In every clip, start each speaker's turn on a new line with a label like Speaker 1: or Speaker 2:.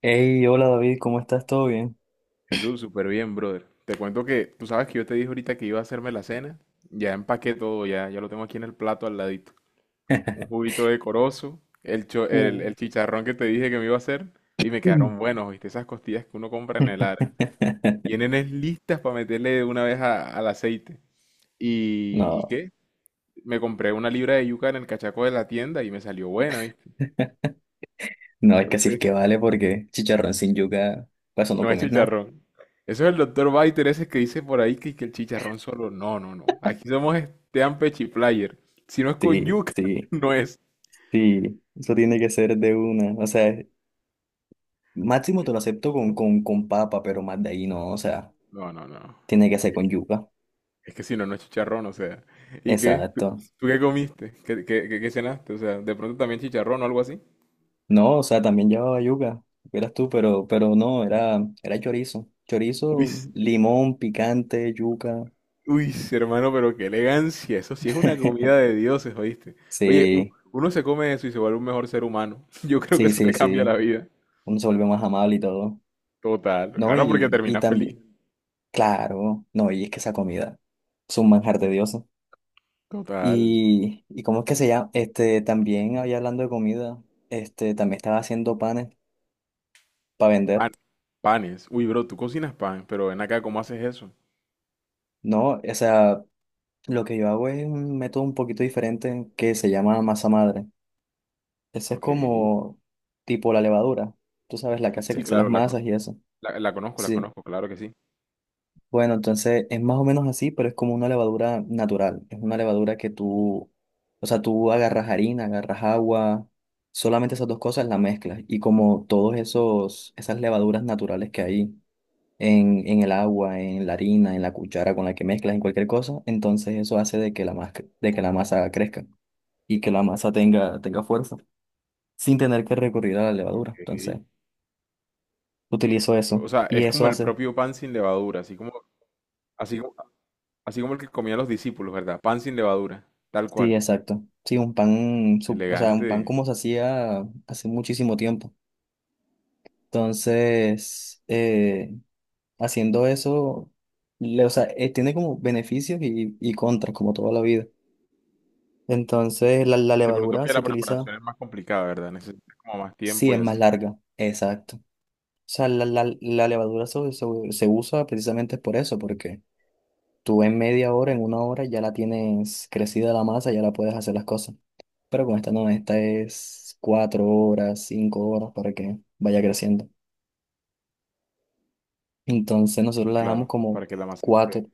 Speaker 1: Hey, hola David, ¿cómo estás? ¿Todo bien?
Speaker 2: Jesús, súper bien, brother. Te cuento que tú sabes que yo te dije ahorita que iba a hacerme la cena. Ya empaqué todo, ya lo tengo aquí en el plato al ladito. Un juguito de corozo,
Speaker 1: Uh,
Speaker 2: el chicharrón que te dije que me iba a hacer y me quedaron
Speaker 1: Mm.
Speaker 2: buenos, ¿viste? Esas costillas que uno compra en el Ara. Vienen es listas para meterle de una vez al aceite. ¿Y
Speaker 1: No,
Speaker 2: qué? Me compré una libra de yuca en el cachaco de la tienda y me salió buena, ¿viste?
Speaker 1: no, es que así es que
Speaker 2: Entonces,
Speaker 1: vale porque chicharrón sin yuca, para eso no
Speaker 2: no es
Speaker 1: comes nada.
Speaker 2: chicharrón. Eso es el doctor Biter ese que dice por ahí que el chicharrón solo. No, no, no. Aquí somos Estean Pechiplayer. Si no es con
Speaker 1: Sí,
Speaker 2: yuca,
Speaker 1: sí,
Speaker 2: no es.
Speaker 1: sí, eso tiene que ser de una. O sea, máximo te lo acepto con, con papa, pero más de ahí no, o sea,
Speaker 2: No, no, no.
Speaker 1: tiene que ser con yuca.
Speaker 2: Es que si no, no es chicharrón, o sea. ¿Y qué? ¿Tú,
Speaker 1: Exacto.
Speaker 2: tú qué comiste? Qué cenaste? O sea, de pronto también chicharrón o algo así.
Speaker 1: No, o sea, también llevaba yuca, eras tú, pero no, era, era chorizo.
Speaker 2: Uy,
Speaker 1: Chorizo,
Speaker 2: s-
Speaker 1: limón, picante, yuca.
Speaker 2: hermano, pero qué elegancia. Eso sí es una comida de dioses, ¿oíste? Oye, u-
Speaker 1: Sí,
Speaker 2: uno se come eso y se vuelve un mejor ser humano. Yo creo que
Speaker 1: sí,
Speaker 2: eso
Speaker 1: sí,
Speaker 2: te cambia la
Speaker 1: sí,
Speaker 2: vida.
Speaker 1: uno se vuelve más amable y todo,
Speaker 2: Total.
Speaker 1: ¿no?
Speaker 2: Claro, porque
Speaker 1: Y
Speaker 2: terminas feliz.
Speaker 1: también, claro, no, y es que esa comida es un manjar de dioses.
Speaker 2: Total.
Speaker 1: Y ¿cómo es que se llama? Este, también había hablando de comida, este, también estaba haciendo panes para vender,
Speaker 2: Pan- panes. Uy, bro, tú cocinas pan, pero ven acá, ¿cómo haces eso?
Speaker 1: ¿no? O sea, lo que yo hago es un método un poquito diferente que se llama masa madre. Ese es
Speaker 2: Ok.
Speaker 1: como tipo la levadura, tú sabes, la que hace
Speaker 2: Sí,
Speaker 1: crecer las
Speaker 2: claro,
Speaker 1: masas y eso.
Speaker 2: la
Speaker 1: Sí.
Speaker 2: conozco, claro que sí.
Speaker 1: Bueno, entonces es más o menos así, pero es como una levadura natural. Es una levadura que tú, o sea, tú agarras harina, agarras agua, solamente esas dos cosas las mezclas. Y como todos esos, esas levaduras naturales que hay en el agua, en la harina, en la cuchara con la que mezclas, en cualquier cosa, entonces eso hace de que la masa, de que la masa crezca y que la masa tenga, tenga fuerza, sin tener que recurrir a la levadura.
Speaker 2: Ok.
Speaker 1: Entonces, utilizo eso.
Speaker 2: O sea,
Speaker 1: Y
Speaker 2: es
Speaker 1: eso
Speaker 2: como el
Speaker 1: hace
Speaker 2: propio pan sin levadura, así como, así como, así como el que comían los discípulos, ¿verdad? Pan sin levadura, tal
Speaker 1: sí,
Speaker 2: cual.
Speaker 1: exacto. Sí, un pan, su- o sea, un
Speaker 2: Elegante.
Speaker 1: pan como se hacía hace muchísimo tiempo. Entonces, haciendo eso, le- o sea, tiene como beneficios y contras, como toda la vida. Entonces, la
Speaker 2: De pronto
Speaker 1: levadura
Speaker 2: que
Speaker 1: se
Speaker 2: la
Speaker 1: utiliza,
Speaker 2: preparación es más complicada, ¿verdad? Necesitas como más
Speaker 1: sí,
Speaker 2: tiempo
Speaker 1: es
Speaker 2: y
Speaker 1: más
Speaker 2: así.
Speaker 1: larga. Exacto. O sea, la levadura se, se, se usa precisamente por eso, porque tú en media hora, en una hora, ya la tienes crecida la masa, ya la puedes hacer las cosas. Pero con esta no, esta es cuatro horas, cinco horas para que vaya creciendo. Entonces nosotros la dejamos
Speaker 2: Claro,
Speaker 1: como
Speaker 2: para que la masa esté.
Speaker 1: cuatro,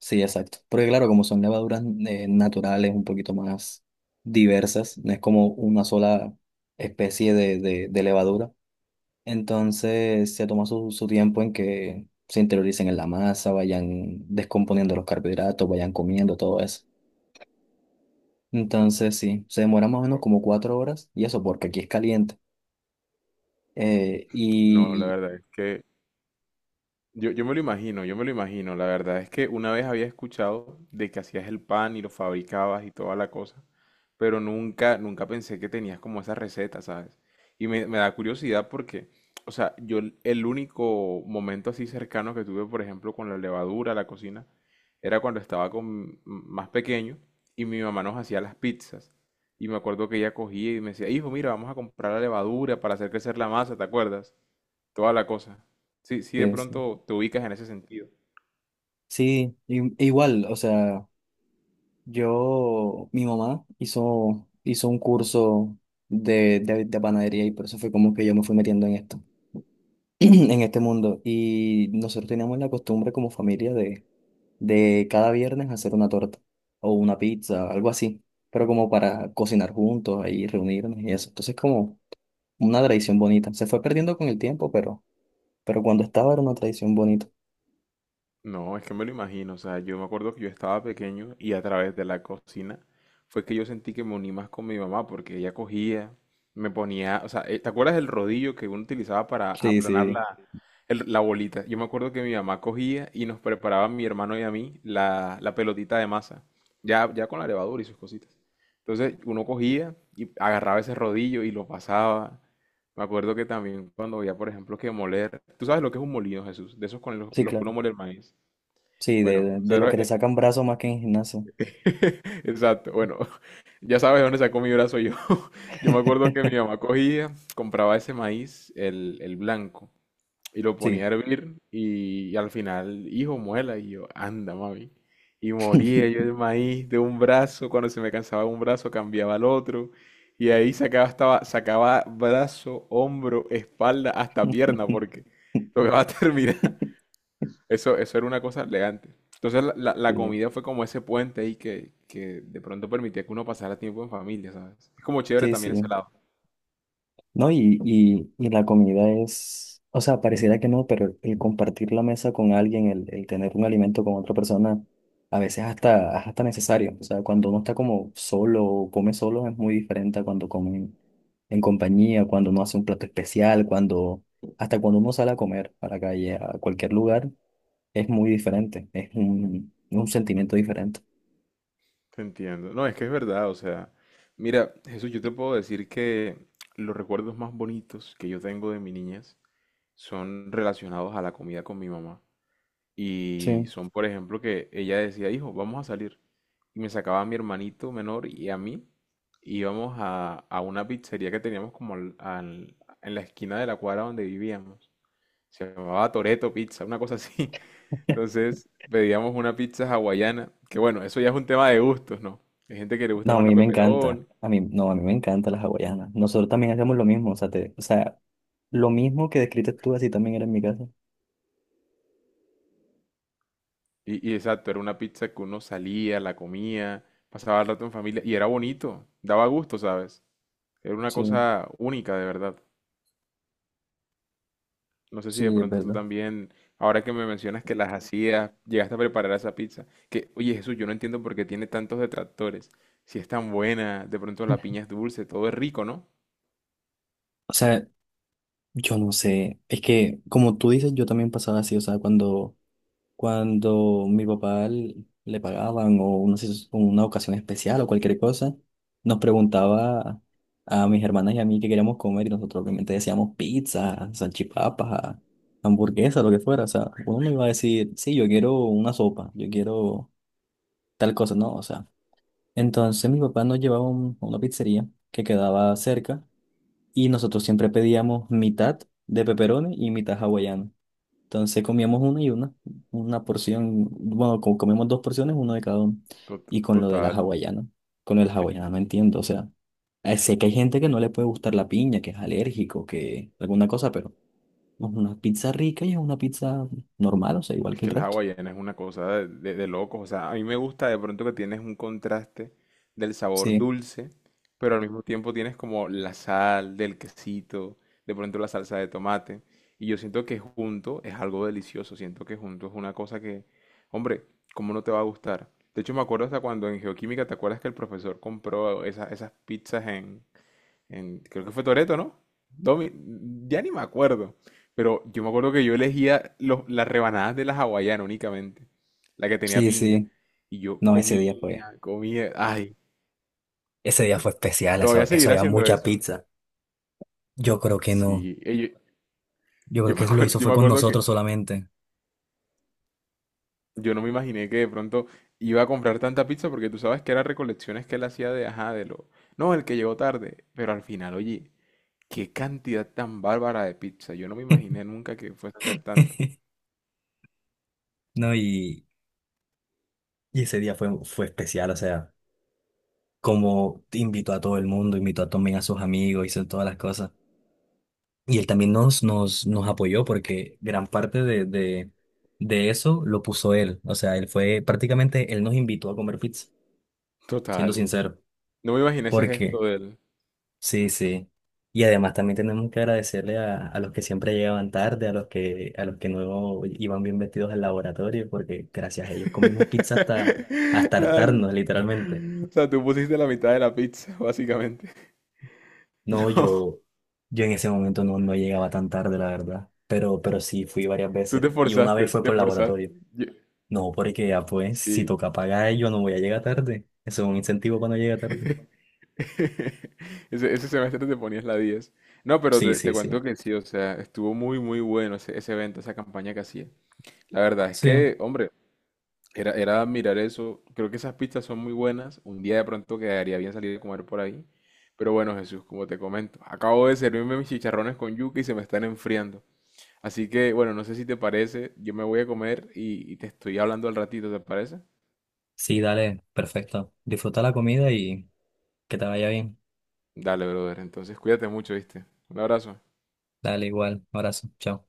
Speaker 1: sí, exacto. Porque claro, como son levaduras naturales, un poquito más diversas, no es como una sola especie de, de levadura. Entonces se toma su, su tiempo en que se interioricen en la masa, vayan descomponiendo los carbohidratos, vayan comiendo todo eso. Entonces, sí, se demora más o menos como cuatro horas y eso porque aquí es caliente. Eh,
Speaker 2: No, la
Speaker 1: y
Speaker 2: verdad es que yo me lo imagino, yo me lo imagino. La verdad es que una vez había escuchado de que hacías el pan y lo fabricabas y toda la cosa, pero nunca, nunca pensé que tenías como esa receta, ¿sabes? Y me da curiosidad porque, o sea, yo el único momento así cercano que tuve, por ejemplo, con la levadura, la cocina, era cuando estaba con, más pequeño y mi mamá nos hacía las pizzas. Y me acuerdo que ella cogía y me decía, hijo, mira, vamos a comprar la levadura para hacer crecer la masa, ¿te acuerdas? Toda la cosa. Sí, sí, de
Speaker 1: sí, sí,
Speaker 2: pronto te ubicas en ese sentido.
Speaker 1: sí, i- igual, o sea, yo, mi mamá hizo, hizo un curso de, de panadería y por eso fue como que yo me fui metiendo en esto, en este mundo. Y nosotros teníamos la costumbre como familia de cada viernes hacer una torta o una pizza, algo así, pero como para cocinar juntos, ahí reunirnos y eso. Entonces, como... una tradición bonita. Se fue perdiendo con el tiempo, pero cuando estaba era una tradición bonita.
Speaker 2: No, es que me lo imagino, o sea, yo me acuerdo que yo estaba pequeño y a través de la cocina fue que yo sentí que me uní más con mi mamá porque ella cogía, me ponía, o sea, ¿te acuerdas del rodillo que uno utilizaba para
Speaker 1: Sí,
Speaker 2: aplanar
Speaker 1: sí,
Speaker 2: la, la bolita? Yo me acuerdo que mi mamá cogía y nos preparaba a mi hermano y a mí la pelotita de masa, ya con la levadura y sus cositas. Entonces uno cogía y agarraba ese rodillo y lo pasaba. Me acuerdo que también cuando veía, por ejemplo, que moler, tú sabes lo que es un molino, Jesús, de esos con
Speaker 1: sí,
Speaker 2: los que uno
Speaker 1: claro.
Speaker 2: mole el maíz.
Speaker 1: Sí, de,
Speaker 2: Bueno,
Speaker 1: de lo
Speaker 2: cero-
Speaker 1: que te
Speaker 2: eh,
Speaker 1: sacan brazos más que en gimnasio.
Speaker 2: exacto. Bueno, ya sabes de dónde sacó mi brazo yo. Yo me acuerdo que mi mamá cogía, compraba ese maíz, el blanco, y lo ponía a
Speaker 1: Sí.
Speaker 2: hervir y, al final, hijo, muela. Y yo, anda, mami. Y molía yo el maíz de un brazo, cuando se me cansaba un brazo cambiaba al otro. Y ahí sacaba, estaba, sacaba brazo, hombro, espalda, hasta pierna, porque tocaba terminar. Eso era una cosa elegante. Entonces la
Speaker 1: Sí,
Speaker 2: comida fue como ese puente ahí que de pronto permitía que uno pasara tiempo en familia, ¿sabes? Es como chévere
Speaker 1: sí,
Speaker 2: también ese
Speaker 1: sí.
Speaker 2: lado.
Speaker 1: No, y la comida es, o sea, pareciera que no, pero el compartir la mesa con alguien, el tener un alimento con otra persona, a veces hasta, es hasta necesario. O sea, cuando uno está como solo o come solo es muy diferente a cuando come en compañía, cuando uno hace un plato especial, cuando, hasta cuando uno sale a comer a la calle, a cualquier lugar, es muy diferente. Es un sentimiento diferente.
Speaker 2: Te entiendo. No, es que es verdad, o sea, mira, Jesús, yo te puedo decir que los recuerdos más bonitos que yo tengo de mi niñez son relacionados a la comida con mi mamá. Y
Speaker 1: Sí.
Speaker 2: son, por ejemplo, que ella decía, hijo, vamos a salir. Y me sacaba a mi hermanito menor y a mí. Y íbamos a una pizzería que teníamos como en la esquina de la cuadra donde vivíamos. Se llamaba Toreto Pizza, una cosa así. Entonces pedíamos una pizza hawaiana, que bueno, eso ya es un tema de gustos, ¿no? Hay gente que le gusta
Speaker 1: No, a
Speaker 2: más la
Speaker 1: mí me encanta.
Speaker 2: peperón.
Speaker 1: A mí, no, a mí me encantan las hawaianas. Nosotros también hacemos lo mismo. O sea, te, o sea, lo mismo que describiste tú, así también era en mi casa.
Speaker 2: Y exacto, era una pizza que uno salía, la comía, pasaba el rato en familia y era bonito, daba gusto, ¿sabes? Era una
Speaker 1: Sí,
Speaker 2: cosa única, de verdad. No sé si de
Speaker 1: sí, es
Speaker 2: pronto tú
Speaker 1: verdad.
Speaker 2: también, ahora que me mencionas que las hacías, llegaste a preparar esa pizza. Que, oye, Jesús, yo no entiendo por qué tiene tantos detractores. Si es tan buena, de pronto la piña es dulce, todo es rico, ¿no?
Speaker 1: O sea, yo no sé, es que como tú dices, yo también pasaba así, o sea, cuando, cuando mi papá l- le pagaban o una, sis- una ocasión especial o cualquier cosa, nos preguntaba a mis hermanas y a mí qué queríamos comer y nosotros obviamente decíamos pizza, salchipapas, hamburguesa, lo que fuera, o sea, uno no iba a decir, sí, yo quiero una sopa, yo quiero tal cosa, no, o sea. Entonces mi papá nos llevaba un- a una pizzería que quedaba cerca y nosotros siempre pedíamos mitad de pepperoni y mitad hawaiano. Entonces comíamos una y una, una porción, bueno, co- comíamos dos porciones, uno de cada uno. Y con lo de la
Speaker 2: Total.
Speaker 1: hawaiana, con el hawaiana no entiendo, o sea, sé que hay gente que no le puede gustar la piña, que es alérgico, que alguna cosa, pero es una pizza rica y es una pizza normal, o sea, igual
Speaker 2: Es
Speaker 1: que el
Speaker 2: que el
Speaker 1: resto.
Speaker 2: hawaiana es una cosa de, de locos. O sea, a mí me gusta de pronto que tienes un contraste del sabor
Speaker 1: Sí,
Speaker 2: dulce, pero al mismo tiempo tienes como la sal del quesito, de pronto la salsa de tomate. Y yo siento que junto es algo delicioso. Siento que junto es una cosa que, hombre, ¿cómo no te va a gustar? De hecho, me acuerdo hasta cuando en geoquímica, ¿te acuerdas que el profesor compró esas pizzas en, creo que fue Toreto, ¿no? Domi, ya ni me acuerdo. Pero yo me acuerdo que yo elegía las rebanadas de la hawaiana únicamente, la que tenía
Speaker 1: sí,
Speaker 2: piña.
Speaker 1: sí.
Speaker 2: Y yo
Speaker 1: No,
Speaker 2: comía, comía. Ay,
Speaker 1: ese día fue especial, eso,
Speaker 2: todavía
Speaker 1: eso
Speaker 2: seguirá
Speaker 1: había
Speaker 2: haciendo
Speaker 1: mucha
Speaker 2: eso.
Speaker 1: pizza. Yo creo que no.
Speaker 2: Sí,
Speaker 1: Yo creo que lo hizo
Speaker 2: yo
Speaker 1: fue
Speaker 2: me
Speaker 1: con
Speaker 2: acuerdo que
Speaker 1: nosotros solamente.
Speaker 2: yo no me imaginé que de pronto iba a comprar tanta pizza porque tú sabes que eran recolecciones que él hacía de, ajá, de lo... No, el que llegó tarde. Pero al final, oye, qué cantidad tan bárbara de pizza. Yo no me imaginé nunca que fuese a hacer tanto.
Speaker 1: No, y ese día fue, fue especial, o sea, como invitó a todo el mundo, invitó a también a sus amigos, hizo todas las cosas. Y él también nos, nos apoyó porque gran parte de eso lo puso él. O sea, él fue prácticamente, él nos invitó a comer pizza, siendo
Speaker 2: Total.
Speaker 1: sincero,
Speaker 2: No me imaginé ese
Speaker 1: porque
Speaker 2: gesto de él.
Speaker 1: sí, sí. Y además también tenemos que agradecerle a los que siempre llegaban tarde, a los que no iban bien vestidos al laboratorio, porque gracias a ellos comimos pizza hasta, hasta
Speaker 2: Ah,
Speaker 1: hartarnos, literalmente.
Speaker 2: o sea, tú pusiste la mitad de la pizza, básicamente.
Speaker 1: No,
Speaker 2: No,
Speaker 1: yo en ese momento no, no llegaba tan tarde, la verdad. Pero sí, fui varias
Speaker 2: tú
Speaker 1: veces.
Speaker 2: te
Speaker 1: Y una vez
Speaker 2: forzaste,
Speaker 1: fue
Speaker 2: te
Speaker 1: por el
Speaker 2: forzaste.
Speaker 1: laboratorio.
Speaker 2: Yo-
Speaker 1: No, porque ya pues, si
Speaker 2: sí.
Speaker 1: toca pagar, yo no voy a llegar tarde. Eso es un incentivo cuando llega tarde.
Speaker 2: Ese semestre te ponías la 10. No, pero
Speaker 1: Sí,
Speaker 2: te
Speaker 1: sí, sí.
Speaker 2: cuento que sí, o sea, estuvo muy, muy bueno ese evento, esa campaña que hacía. La verdad es
Speaker 1: Sí.
Speaker 2: que, hombre, era, era mirar eso. Creo que esas pistas son muy buenas. Un día de pronto quedaría bien salir a comer por ahí. Pero bueno, Jesús, como te comento, acabo de servirme mis chicharrones con yuca y se me están enfriando. Así que, bueno, no sé si te parece. Yo me voy a comer y te estoy hablando al ratito, ¿te parece?
Speaker 1: Sí, dale, perfecto. Disfruta la comida y que te vaya bien.
Speaker 2: Dale, brother. Entonces, cuídate mucho, ¿viste? Un abrazo.
Speaker 1: Dale, igual. Abrazo. Chao.